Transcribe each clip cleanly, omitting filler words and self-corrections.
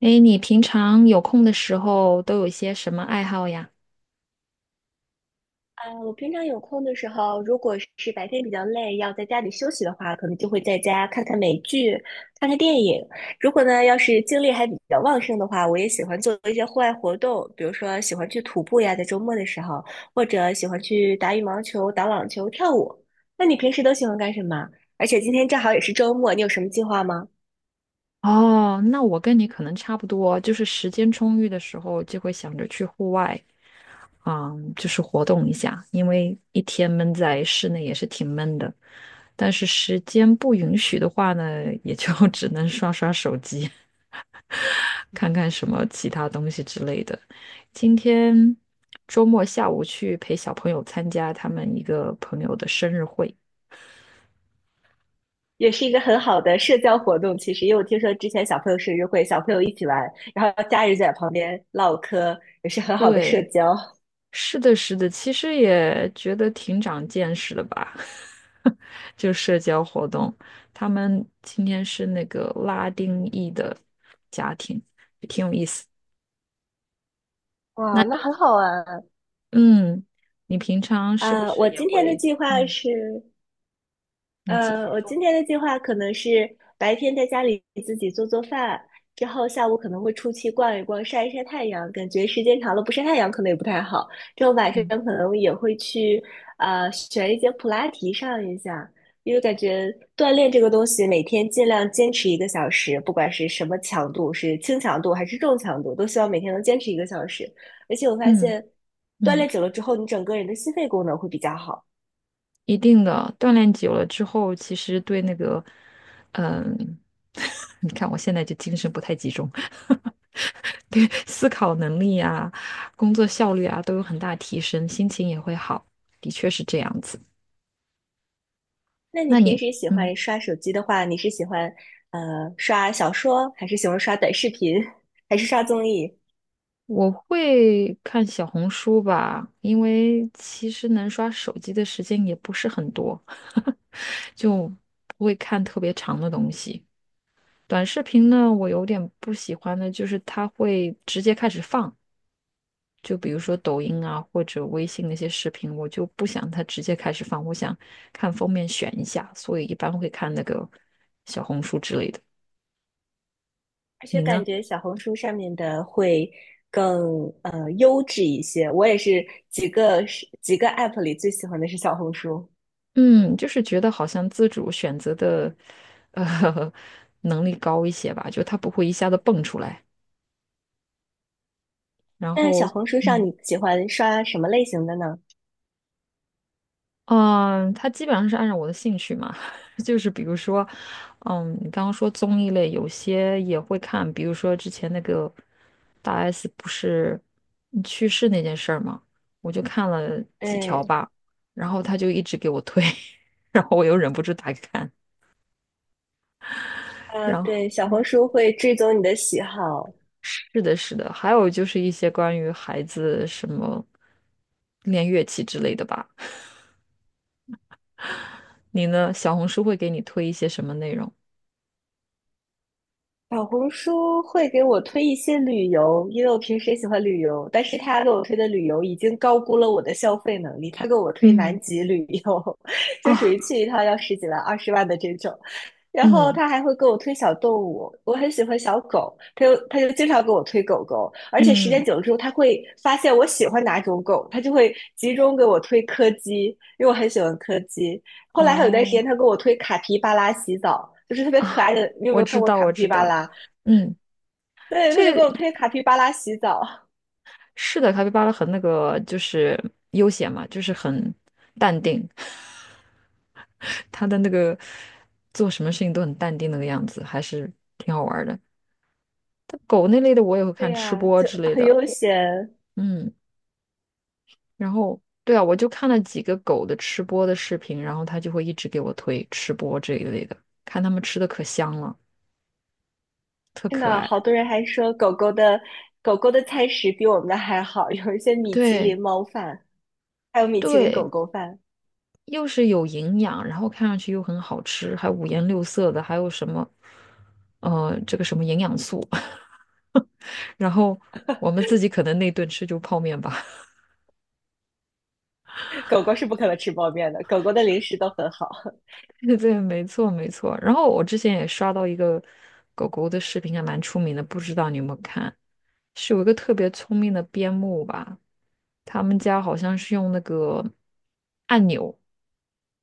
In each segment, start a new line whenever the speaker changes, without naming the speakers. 哎，你平常有空的时候都有一些什么爱好呀？
啊，我平常有空的时候，如果是白天比较累，要在家里休息的话，可能就会在家看看美剧、看看电影。如果呢，要是精力还比较旺盛的话，我也喜欢做一些户外活动，比如说喜欢去徒步呀，在周末的时候，或者喜欢去打羽毛球、打网球、跳舞。那你平时都喜欢干什么？而且今天正好也是周末，你有什么计划吗？
哦，那我跟你可能差不多，就是时间充裕的时候就会想着去户外，嗯，就是活动一下，因为一天闷在室内也是挺闷的。但是时间不允许的话呢，也就 只能刷刷手机，看看什么其他东西之类的。今天周末下午去陪小朋友参加他们一个朋友的生日会，
也是一个很好的社交活动。其实，因为我听说之前小朋友生日会，小朋友一起玩，然后家人在旁边唠嗑，也是很好的社
对。
交。
是的，是的，其实也觉得挺长见识的吧，就社交活动。他们今天是那个拉丁裔的家庭，那
哇，那
你
很
呢，
好玩。
嗯，你平常是不
啊
是
我
也
今天的
会，
计划
嗯，
是
你继续
我
说，
今天的计划可能是白天在家里自己做做饭，之后下午可能会出去逛一逛，晒一晒太阳。感觉时间长了不晒太阳可能也不太好。之后晚上
嗯
可能也会去选一节普拉提上一下，因为感觉锻炼这个东西每天尽量坚持一个小时，不管是什么强度，是轻强度还是重强度，都希望每天能坚持一个小时。而且我发
嗯
现锻
嗯。
炼久了之后，你整个人的心肺功能会比较好。
一定的，锻炼久了之后，其实对那个，嗯，你看我现在就精神不太集中，对思考能力啊、工作效率啊都有很大提升，心情也会好，的确是这样子。
那你
那
平
你，
时喜
嗯，
欢刷手机的话，你是喜欢刷小说，还是喜欢刷短视频，还是刷综艺？
我会看小红书吧，因为其实能刷手机的时间也不是很多，就不会看特别长的东西。短视频呢，我有点不喜欢的，就是它会直接开始放，就比如说抖音啊或者微信那些视频，我就不想它直接开始放，我想看封面选一下，所以一般会看那个小红书之类的。
而且
你
感
呢？
觉小红书上面的会更优质一些。我也是几个 app 里最喜欢的是小红书。
嗯，就是觉得好像自主选择的呃 能力高一些吧，就它不会一下子蹦出来，然
那小
后
红书上
嗯。
你喜欢刷什么类型的呢？
嗯，他基本上是按照我的兴趣嘛，就是比如说，嗯，你刚刚说综艺类，有些也会看，比如说之前那个大 S 不是嗯去世那件事儿嘛，我就看了几
对。
条吧，然后他就一直给我推，然后我又忍不住打开看，
啊，
然后
对，小红书会追踪你的喜好。
是的，是的，还有就是一些关于孩子什么练乐器之类的吧。你呢？小红书会给你推一些什么内容？
小红书会给我推一些旅游，因为我平时也喜欢旅游，但是他给我推的旅游已经高估了我的消费能力。他给我推南
嗯，
极旅游，就属于
啊，
去一趟要十几万、20万的这种。然后
嗯
他还会给我推小动物，我很喜欢小狗，他就经常给我推狗狗，而且时
嗯。
间久了之后，他会发现我喜欢哪种狗，他就会集中给我推柯基，因为我很喜欢柯基。后来还有段时
哦
间，他给我推卡皮巴拉洗澡，就是特
啊，
别可爱 的。你有没
我
有看
知
过
道，
卡
我
皮
知
巴
道，
拉？
嗯，
对，他就
这
给我推卡皮巴拉洗澡。
是的，卡皮巴拉很那个，就是悠闲嘛，就是很淡定，他的那个做什么事情都很淡定那个样子，还是挺好玩儿的。但狗那类的我也会
对
看吃
呀，
播
就
之类
很
的，
悠闲。
嗯，然后对啊，我就看了几个狗的吃播的视频，然后他就会一直给我推吃播这一类的，看他们吃的可香了，特
真
可
的，
爱。
好多人还说狗狗的餐食比我们的还好，有一些米其
对
林猫饭，还有米其林狗
对，
狗饭。
又是有营养，然后看上去又很好吃，还五颜六色的，还有什么，这个什么营养素，然后我们自己可能那顿吃就泡面吧。
狗狗是不可能吃泡面的，狗狗的零食都很好。
对对，没错没错。然后我之前也刷到一个狗狗的视频，还蛮出名的，不知道你有没有看？是有一个特别聪明的边牧吧，他们家好像是用那个按钮，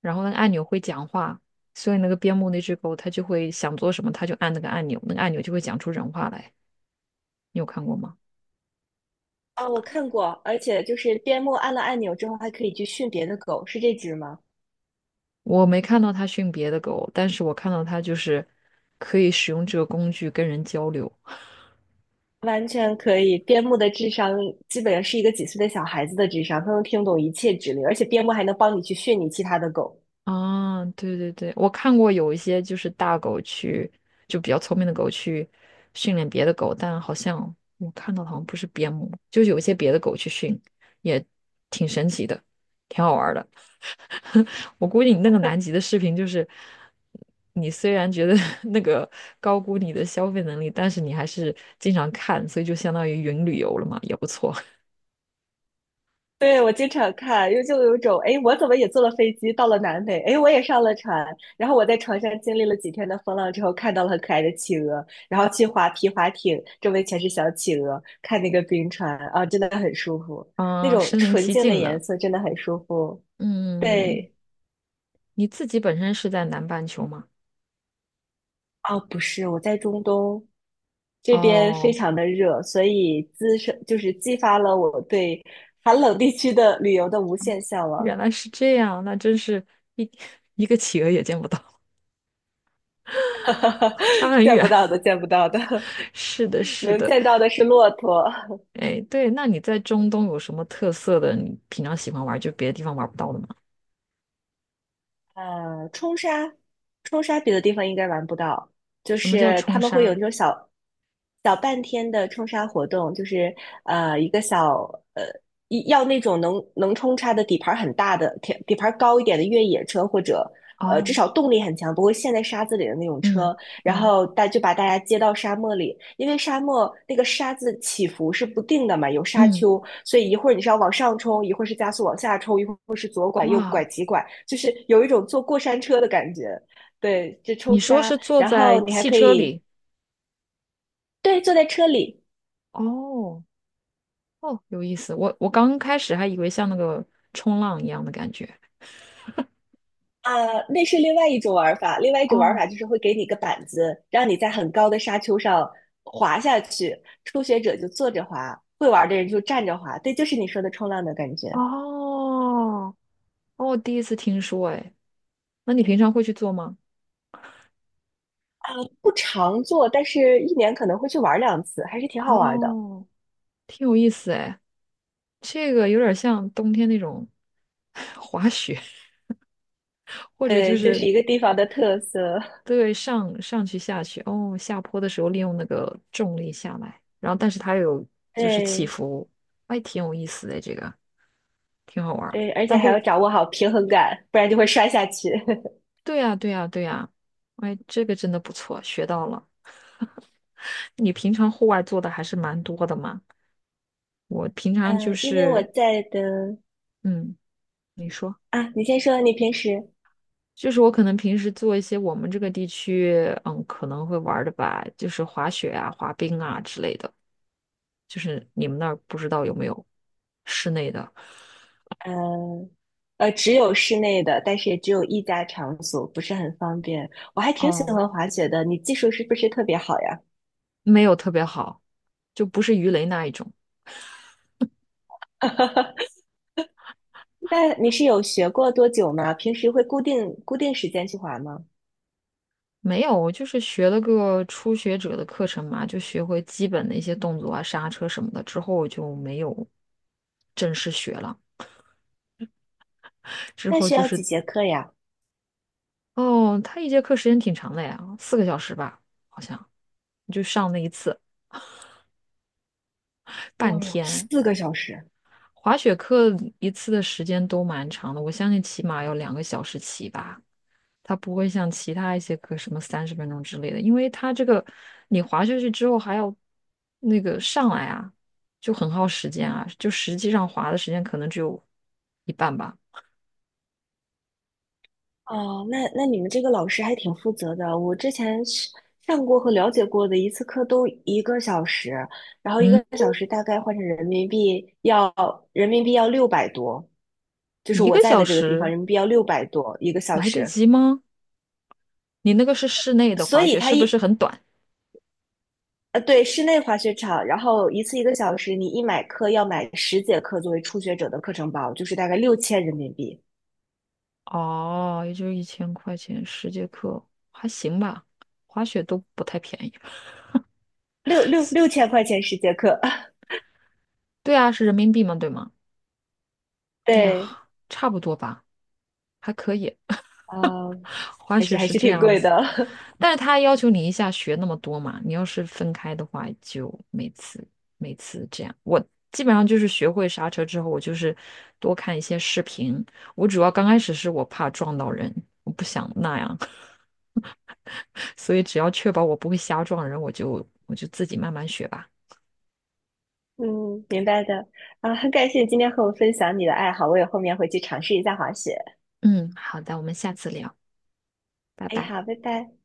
然后那个按钮会讲话，所以那个边牧那只狗它就会想做什么，它就按那个按钮，那个按钮就会讲出人话来。你有看过吗？
啊，我看过，而且就是边牧按了按钮之后，还可以去训别的狗，是这只吗？
我没看到它训别的狗，但是我看到它就是可以使用这个工具跟人交流。
完全可以，边牧的智商基本上是一个几岁的小孩子的智商，他能听懂一切指令，而且边牧还能帮你去训你其他的狗。
啊，对对对，我看过有一些就是大狗去，就比较聪明的狗去训练别的狗，但好像我看到的好像不是边牧，就是有一些别的狗去训，也挺神奇的，挺好玩儿的。我估计你那个南极的视频就是，你虽然觉得 那个高估你的消费能力，但是你还是经常看，所以就相当于云旅游了嘛，也不错。
对，我经常看，又就有一种，哎，我怎么也坐了飞机到了南美，哎，我也上了船，然后我在船上经历了几天的风浪之后，看到了很可爱的企鹅，然后去划皮划艇，周围全是小企鹅，看那个冰川啊，真的很舒服，那
嗯，
种
身临
纯
其
净的
境
颜
了。
色真的很舒服。
嗯，
对。
你自己本身是在南半球吗？
哦，不是，我在中东这边非
哦，
常的热，所以滋生就是激发了我对寒冷地区的旅游的无限向
原
往。
来是这样，那真是一 一个企鹅也见不到，差 很
见不
远。
到的，见不到的。
是的，是
能
的，
见到的是骆驼。
哎，对，那你在中东有什么特色的？你平常喜欢玩，就别的地方玩不到的吗？
呃，冲沙。冲沙别的地方应该玩不到，就
什么叫
是他
冲
们会有
沙？
那种小半天的冲沙活动，就是一个小呃要那种能冲沙的底盘高一点的越野车，或者至
哦，
少动力很强，不会陷在沙子里的那种
嗯
车，然
嗯
后就把大家接到沙漠里，因为沙漠那个沙子起伏是不定的嘛，有沙
嗯，
丘，所以一会儿你是要往上冲，一会儿是加速往下冲，一会儿是左拐右拐
哇，
急拐，就是有一种坐过山车的感觉。对，就
你
冲
说
沙，
是坐
然后
在
你还
汽
可
车
以。
里？
对，坐在车里。
哦哦，有意思。我刚开始还以为像那个冲浪一样的感觉。
啊，那是另外一种玩法。另外一种玩
哦
法就是会给你一个板子，让你在很高的沙丘上滑下去。初学者就坐着滑，会玩的人就站着滑。对，就是你说的冲浪的感觉。
哦哦，第一次听说，哎，那你平常会去做吗？
不常做，但是一年可能会去玩2次，还是挺好玩的。
哦挺有意思哎，这个有点像冬天那种 滑雪，或者就
对，这是
是
一个地方的特色。
对上上去下去，哦，下坡的时候利用那个重力下来，然后但是它有就是起
对
伏，哎，挺有意思的这个，挺好玩儿。
对，而且
但
还要
后
掌握好平衡感，不然就会摔下去。
对呀，对呀，对呀，哎，这个真的不错，学到了。你平常户外做的还是蛮多的嘛，我平常就
嗯，因为我
是，
在的。
嗯，你说。
啊，你先说，你平时。
就是我可能平时做一些我们这个地区，嗯，可能会玩儿的吧，就是滑雪啊、滑冰啊之类的。就是你们那儿不知道有没有室内的？
呃只有室内的，但是也只有一家场所，不是很方便。我还挺喜
哦，
欢滑雪的，你技术是不是特别好呀？
没有特别好，就不是鱼雷那一种。
那你是有学过多久吗？平时会固定时间去滑吗？
没有，我就是学了个初学者的课程嘛，就学会基本的一些动作啊、刹车什么的，之后就没有正式学了。之
那
后
需
就
要
是，
几节课呀？
哦，他一节课时间挺长的呀，4个小时吧，好像，就上那一次，半
哦哟，
天。
4个小时。
滑雪课一次的时间都蛮长的，我相信起码要2个小时起吧。它不会像其他一些课什么30分钟之类的，因为它这个你滑下去之后还要那个上来啊，就很耗时间啊。就实际上滑的时间可能只有一半吧。
哦，那你们这个老师还挺负责的。我之前是上过和了解过的一次课都一个小时，然后一
嗯，
个小时大概换成人民币要六百多，就是
一
我
个
在
小
的这个地方
时
人民币要六百多一个小
来得
时。
及吗？你那个是室内的
所
滑
以
雪，
他
是不是
一
很短？
对，室内滑雪场，然后一次一个小时，你一买课要买十节课作为初学者的课程包，就是大概6000人民币，
哦，也就是1000块钱10节课，还行吧。滑雪都不太便宜。
6000块钱10节课。
对啊，是人民币嘛，对吗？哎
对，
呀，差不多吧，还可以。
啊，
滑
还
雪
是还
是
是
这
挺
样
贵的。
子，但是他要求你一下学那么多嘛，你要是分开的话，就每次这样。我基本上就是学会刹车之后，我就是多看一些视频。我主要刚开始是我怕撞到人，我不想那样，所以只要确保我不会瞎撞人，我就自己慢慢学吧。
嗯，明白的。啊，很感谢你今天和我分享你的爱好，我也后面回去尝试一下滑雪。
嗯，好的，我们下次聊，拜
哎，
拜。
好，拜拜。